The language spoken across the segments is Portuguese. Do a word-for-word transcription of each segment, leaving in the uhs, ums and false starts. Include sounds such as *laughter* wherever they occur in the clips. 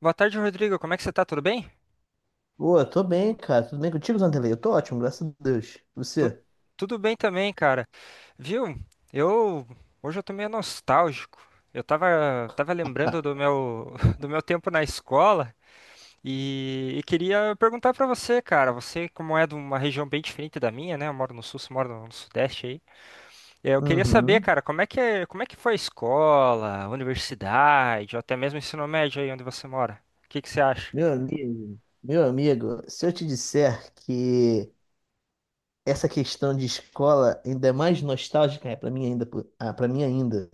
Boa tarde, Rodrigo. Como é que você tá? Tudo bem? Pô, eu tô bem, cara. Tudo bem contigo, Zanderlei? Eu tô ótimo, graças a Deus. Tu- Você? Tudo bem também, cara. Viu? Eu Hoje eu tô meio nostálgico. Eu tava, tava lembrando do meu, *laughs* do meu tempo na escola e, e queria perguntar pra você, cara. Você, como é de uma região bem diferente da minha, né? Eu moro no sul, você mora no sudeste aí. É, Eu queria saber, Uhum. cara, como é que, é- como é que foi a escola, a universidade, ou até mesmo o ensino médio aí onde você mora? O que que você acha? Meu amigo, meu amigo, se eu te disser que essa questão de escola ainda é mais nostálgica, é para mim ainda, pô- ah, para mim ainda,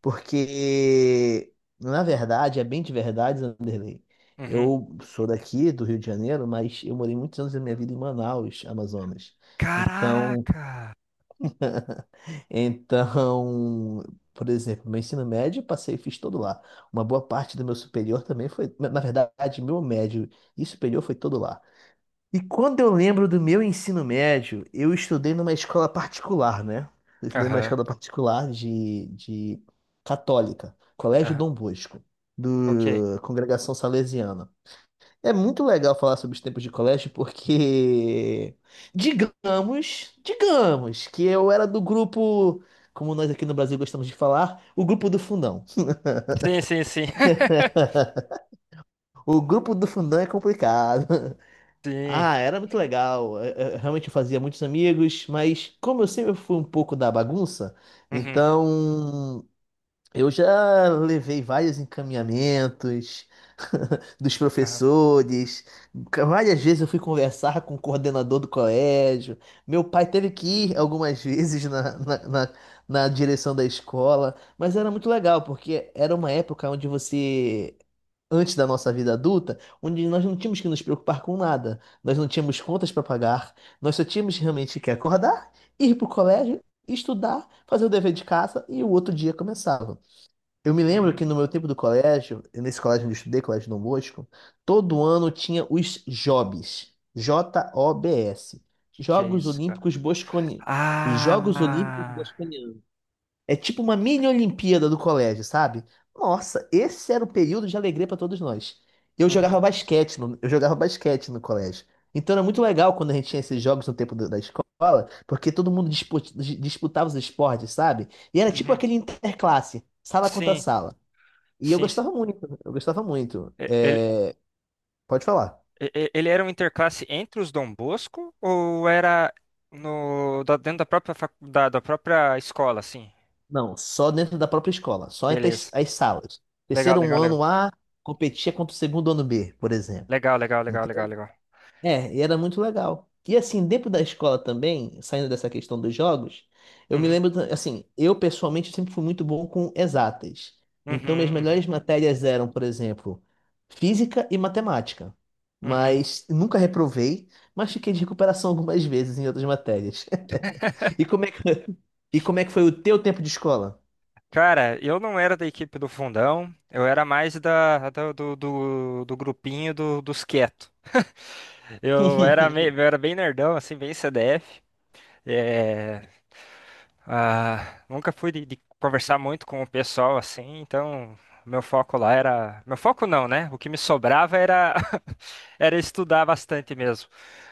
porque na verdade, é bem de verdade, Zanderlei. Uhum. Eu sou daqui do Rio de Janeiro, mas eu morei muitos anos da minha vida em Manaus, Amazonas. Então, Caraca! Então, por exemplo, meu ensino médio eu passei e fiz todo lá. Uma boa parte do meu superior também foi, na verdade, meu médio e superior foi todo lá. E quando eu lembro do meu ensino médio, eu estudei numa escola particular, né? Eu estudei numa Aham, escola particular de, de católica, Colégio aham. Dom Bosco, Ok. do Congregação Salesiana. É muito legal falar sobre os tempos de colégio porque, digamos, digamos que eu era do grupo, como nós aqui no Brasil gostamos de falar, o grupo do fundão. Sim, sim, sim. *laughs* *laughs* O grupo do fundão é complicado. *laughs* Sim. Ah, era muito legal. Eu- eu realmente eu fazia muitos amigos, mas como eu sempre fui um pouco da bagunça, Uhum. então eu já levei vários encaminhamentos *laughs* dos Aham. professores. Várias vezes eu fui conversar com o coordenador do colégio. Meu pai teve que ir algumas *laughs* vezes na, na, na, na direção da escola. Mas era muito legal, porque era uma época onde você. antes da nossa vida adulta, onde nós não tínhamos que nos preocupar com nada, nós não tínhamos contas para pagar, nós só tínhamos realmente que acordar, ir para o colégio, estudar, fazer o dever de casa e o outro dia começava. Eu me lembro Uhum. que no meu tempo do colégio, nesse colégio onde eu estudei, Colégio Dom Bosco, todo ano tinha os JOBs, J O B S, Que que é Jogos isso, cara? Olímpicos Bosconi, os Jogos Olímpicos Ah! Bosconianos. É tipo uma mini Olimpíada do colégio, sabe? Nossa, esse era o período de alegria para todos nós. Eu Uhum. jogava basquete no, eu jogava basquete no colégio. Então era muito legal quando a gente tinha esses jogos no tempo do- da escola, porque todo mundo dispu- dis- disputava os esportes, sabe? E era tipo Uhum. aquele interclasse, sala contra Sim, sala. E eu sim, sim. gostava muito, eu gostava muito. E- Ele, É, pode falar. e- e- ele era um interclasse entre os Dom Bosco ou era no, da- dentro da própria, facu- da, da própria escola, assim? Não, só dentro da própria escola, só entre as, Beleza. as salas. Legal, Terceiro legal, legal. ano A competia contra o segundo ano B, por exemplo. Legal, legal, legal, Ente- legal, legal. É, e era muito legal. E assim, dentro da escola também, saindo dessa questão dos jogos, eu me Uhum. lembro, da- assim, eu pessoalmente sempre fui muito bom com exatas. Então, minhas Uhum. Uhum. melhores matérias eram, por exemplo, física e matemática. Uhum. Mas nunca reprovei, mas fiquei de recuperação algumas vezes em outras matérias. E como é que, *laughs* e como é que foi o teu tempo de escola? Cara, eu não era da equipe do fundão, eu era mais da, da- do, do, do grupinho do- dos quietos. *laughs* Eu era, meio, eu era bem nerdão, assim, bem C D F. É, ah, Nunca fui de, de conversar muito com o pessoal, assim, então meu foco lá era... Meu foco não, né? O que me sobrava era, *laughs* era estudar bastante mesmo.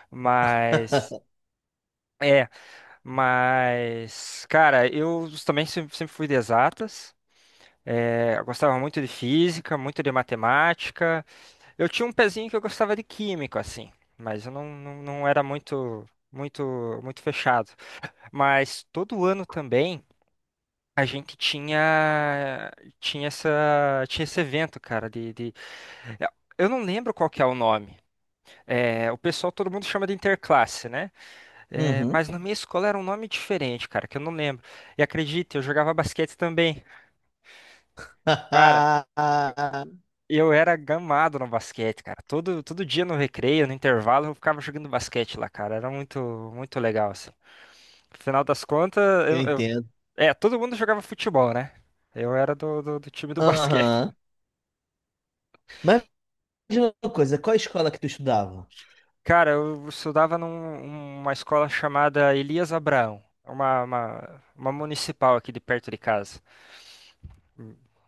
Mas... É, mas, cara, eu também sempre sempre fui de exatas. É, eu gostava muito de física, muito de matemática. Eu tinha um pezinho que eu gostava de químico, assim, mas eu não, não, não era muito, muito, muito fechado. Mas todo ano também a gente tinha, tinha essa, tinha esse evento, cara, de, de- é, eu não lembro qual que é o nome. É, o pessoal, todo mundo chama de interclasse, né? É, Uhum. mas na minha escola era um nome diferente, cara, que eu não lembro. E acredita, eu jogava basquete também. *laughs* Eu era gamado no basquete, cara. Todo, todo dia no recreio, no intervalo, eu ficava jogando basquete lá, cara. Era muito, muito legal, assim. Final das contas, Eu eu, eu- entendo. é, todo mundo jogava futebol, né? Eu era do, do, do time do basquete. Aham. Mas me diz uma coisa, qual a escola que tu estudava? *laughs* Cara, eu estudava numa escola chamada Elias Abraão, uma, uma, uma municipal aqui de perto de casa.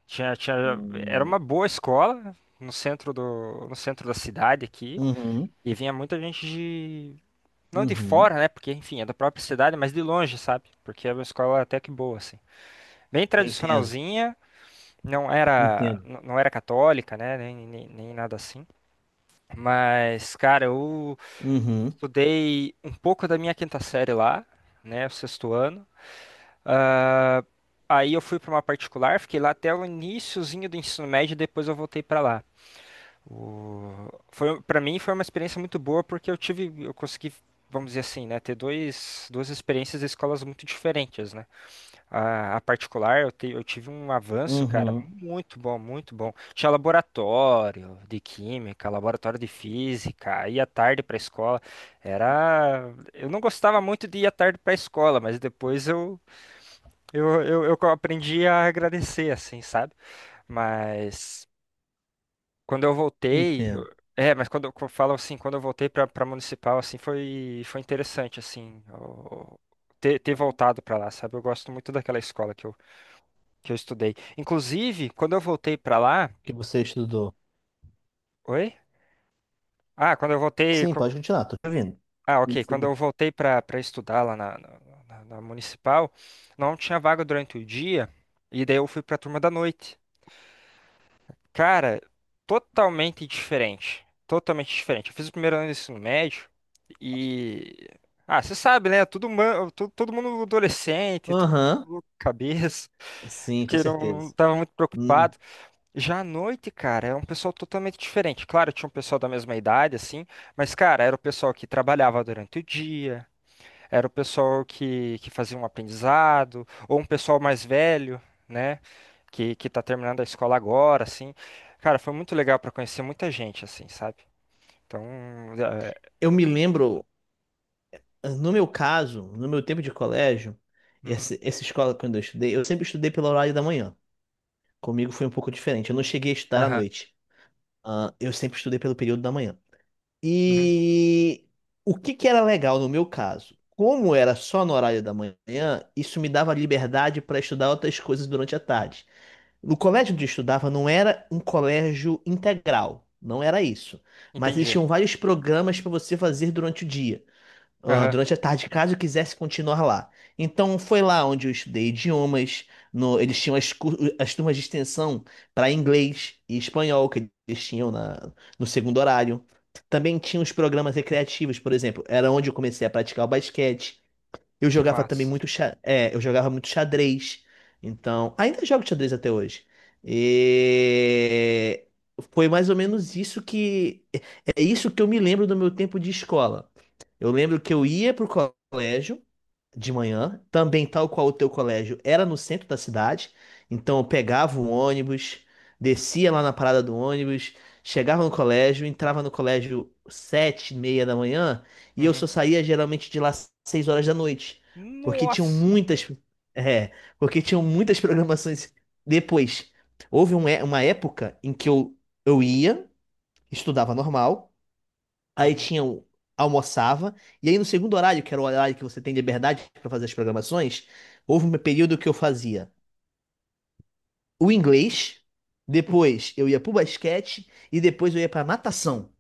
Tinha, tinha, Era uma Hum. boa escola no centro do, no centro da cidade aqui. Uhum. E vinha muita gente. Não de Uhum. fora, né? Porque, enfim, é da própria cidade, mas de longe, sabe? Porque é uma escola até que boa, assim. Bem Eu entendo. tradicionalzinha, não era, Entendo. n- não era católica, né? Nem, nem, nem nada assim. Mas, cara, eu Uhum. estudei um pouco da minha quinta série lá, né? O sexto ano. Ah, aí eu fui pra uma particular, fiquei lá até o iniciozinho do ensino médio, depois eu voltei pra lá. O... Foi, para mim foi uma experiência muito boa porque eu tive, eu consegui, vamos dizer assim, né, ter dois, duas experiências de escolas muito diferentes, né? A, a particular, eu, te- eu tive um avanço, cara, Uhum. muito bom, muito bom. Tinha laboratório de química, laboratório de física, ia tarde para a escola. Era, eu não gostava muito de ir à tarde para a escola, mas depois eu, eu, eu, eu aprendi a agradecer, assim, sabe? Mas quando eu voltei, eu- Entendo. é, mas quando eu co- falo assim, quando eu voltei pra para municipal, assim, foi foi interessante assim, o- ter, ter voltado pra lá, sabe? Eu gosto muito daquela escola que eu que eu estudei. Inclusive, quando eu voltei pra lá, Que você estudou. oi? Ah, quando eu voltei, Sim, co- pode continuar, tô te ouvindo. ah, ok, quando eu voltei pra para estudar lá na, na na na municipal, não tinha vaga durante o dia, e daí eu fui pra turma da noite. Cara, totalmente diferente. Totalmente diferente. Eu fiz o primeiro ano do ensino médio e. Ah, você sabe, né? Tudo, ma- to- todo mundo adolescente, todo Aham. mundo louco de cabeça, Sim, *laughs* com que não, não certeza. tava muito Hum. preocupado. Já à noite, cara, é um pessoal totalmente diferente. Claro, tinha um pessoal da mesma idade, assim, mas, cara, era o pessoal que trabalhava durante o dia. Era o pessoal que, que fazia um aprendizado, ou um pessoal mais velho, né? Que, que tá terminando a escola agora, assim. Cara, foi muito legal para conhecer muita gente, assim, sabe? Então, é... Eu me lembro, no meu caso, no meu tempo de colégio, Uhum. esse- essa escola quando eu estudei, eu sempre estudei pelo horário da manhã. Comigo foi um pouco diferente. Eu não cheguei a estudar à Aham. noite. Ah, eu sempre estudei pelo período da manhã. Uhum. E o que que era legal no meu caso? Como era só no horário da manhã, isso me dava liberdade para estudar outras coisas durante a tarde. No colégio onde eu estudava não era um colégio integral, não era isso. Mas Entendi. existiam vários programas para você fazer durante o dia ah, Aham. durante a tarde, caso eu quisesse continuar lá. Então foi lá onde eu estudei idiomas. no- eles tinham as, cu- as turmas de extensão para inglês e espanhol que eles tinham na, no segundo horário. Também tinha os programas recreativos, por exemplo, era onde eu comecei a praticar o basquete. Eu Que jogava também massa. muito, xa- é, eu jogava muito xadrez. Então, ainda jogo xadrez até hoje. E foi mais ou menos isso que é é isso que eu me lembro do meu tempo de escola. Eu lembro que eu ia pro colégio de manhã, também tal qual o teu colégio era no centro da cidade, então eu pegava o ônibus, descia lá na parada do ônibus, chegava no colégio, entrava no colégio sete e meia da manhã e eu Uhum. só saía geralmente de lá seis horas da noite, porque tinham Nossa! muitas, é, porque tinham muitas *laughs* programações depois. Houve um é- uma época em que eu, eu ia, estudava normal aí Uhum. tinha o- almoçava, e aí no segundo horário, que era o horário que você tem liberdade para fazer as programações, houve um período que eu fazia o inglês, depois eu ia pro basquete e depois eu ia pra natação.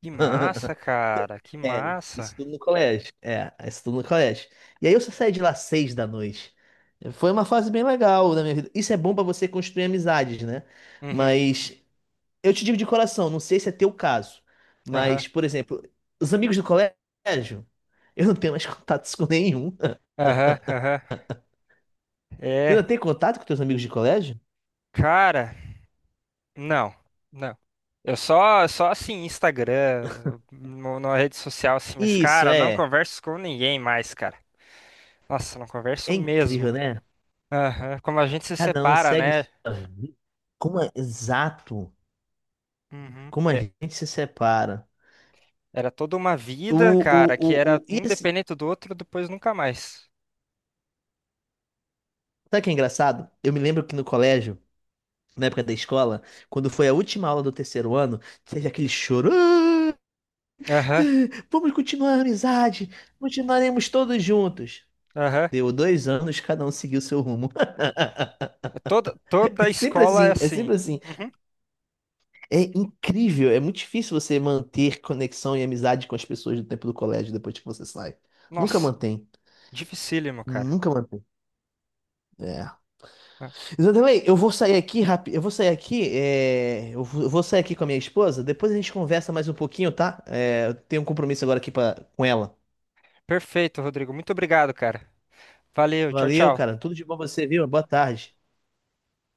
Que massa, cara. Que É, massa. isso tudo no colégio. É, isso tudo no colégio. E aí eu só saí de lá seis da noite. Foi uma fase bem legal da minha vida. Isso é bom pra você construir amizades, né? Uhum. Mas eu te digo de coração, não sei se é teu caso, Aham. mas, por exemplo, os amigos do colégio, eu não tenho mais *laughs* contatos com nenhum. *laughs* Aham. Aham. Tu não É. tem contato com teus amigos de colégio? Cara. Não, não. Eu só, só assim, Instagram, no- numa rede social assim, mas Isso, cara, não é. converso com ninguém mais, cara. Nossa, não converso É mesmo. incrível, né? Aham. Como a gente se Cada um separa, segue né? sua vida. Como é exato, Uhum. como a É, gente se separa. era toda uma O, vida, o, cara, que o, era o... E um assim, dependente do outro, depois nunca mais. sabe o que é engraçado? Eu me lembro que no colégio, na época da escola, quando foi a última aula do terceiro ano, teve aquele choro. "Ah, Aham, vamos continuar a amizade, continuaremos todos juntos. aham. Deu dois anos, cada um seguiu seu rumo. *laughs* É. Toda, toda É a sempre escola é assim, é assim. sempre assim. Uhum. É incrível, é muito difícil você manter conexão e amizade com as pessoas do tempo do colégio depois que você sai. Nunca Nossa, mantém, dificílimo, cara. nunca mantém. É. Ah, Zanderlei, eu vou sair aqui rápido. Eu vou sair aqui. é, Eu vou eu vou sair aqui com a minha esposa. Depois a gente conversa mais um pouquinho, tá? É, Eu tenho um compromisso agora aqui pra... com ela. perfeito, Rodrigo. Muito obrigado, cara. Valeu, tchau, Valeu, cara. tchau. Tudo de bom pra você, viu? Boa tarde.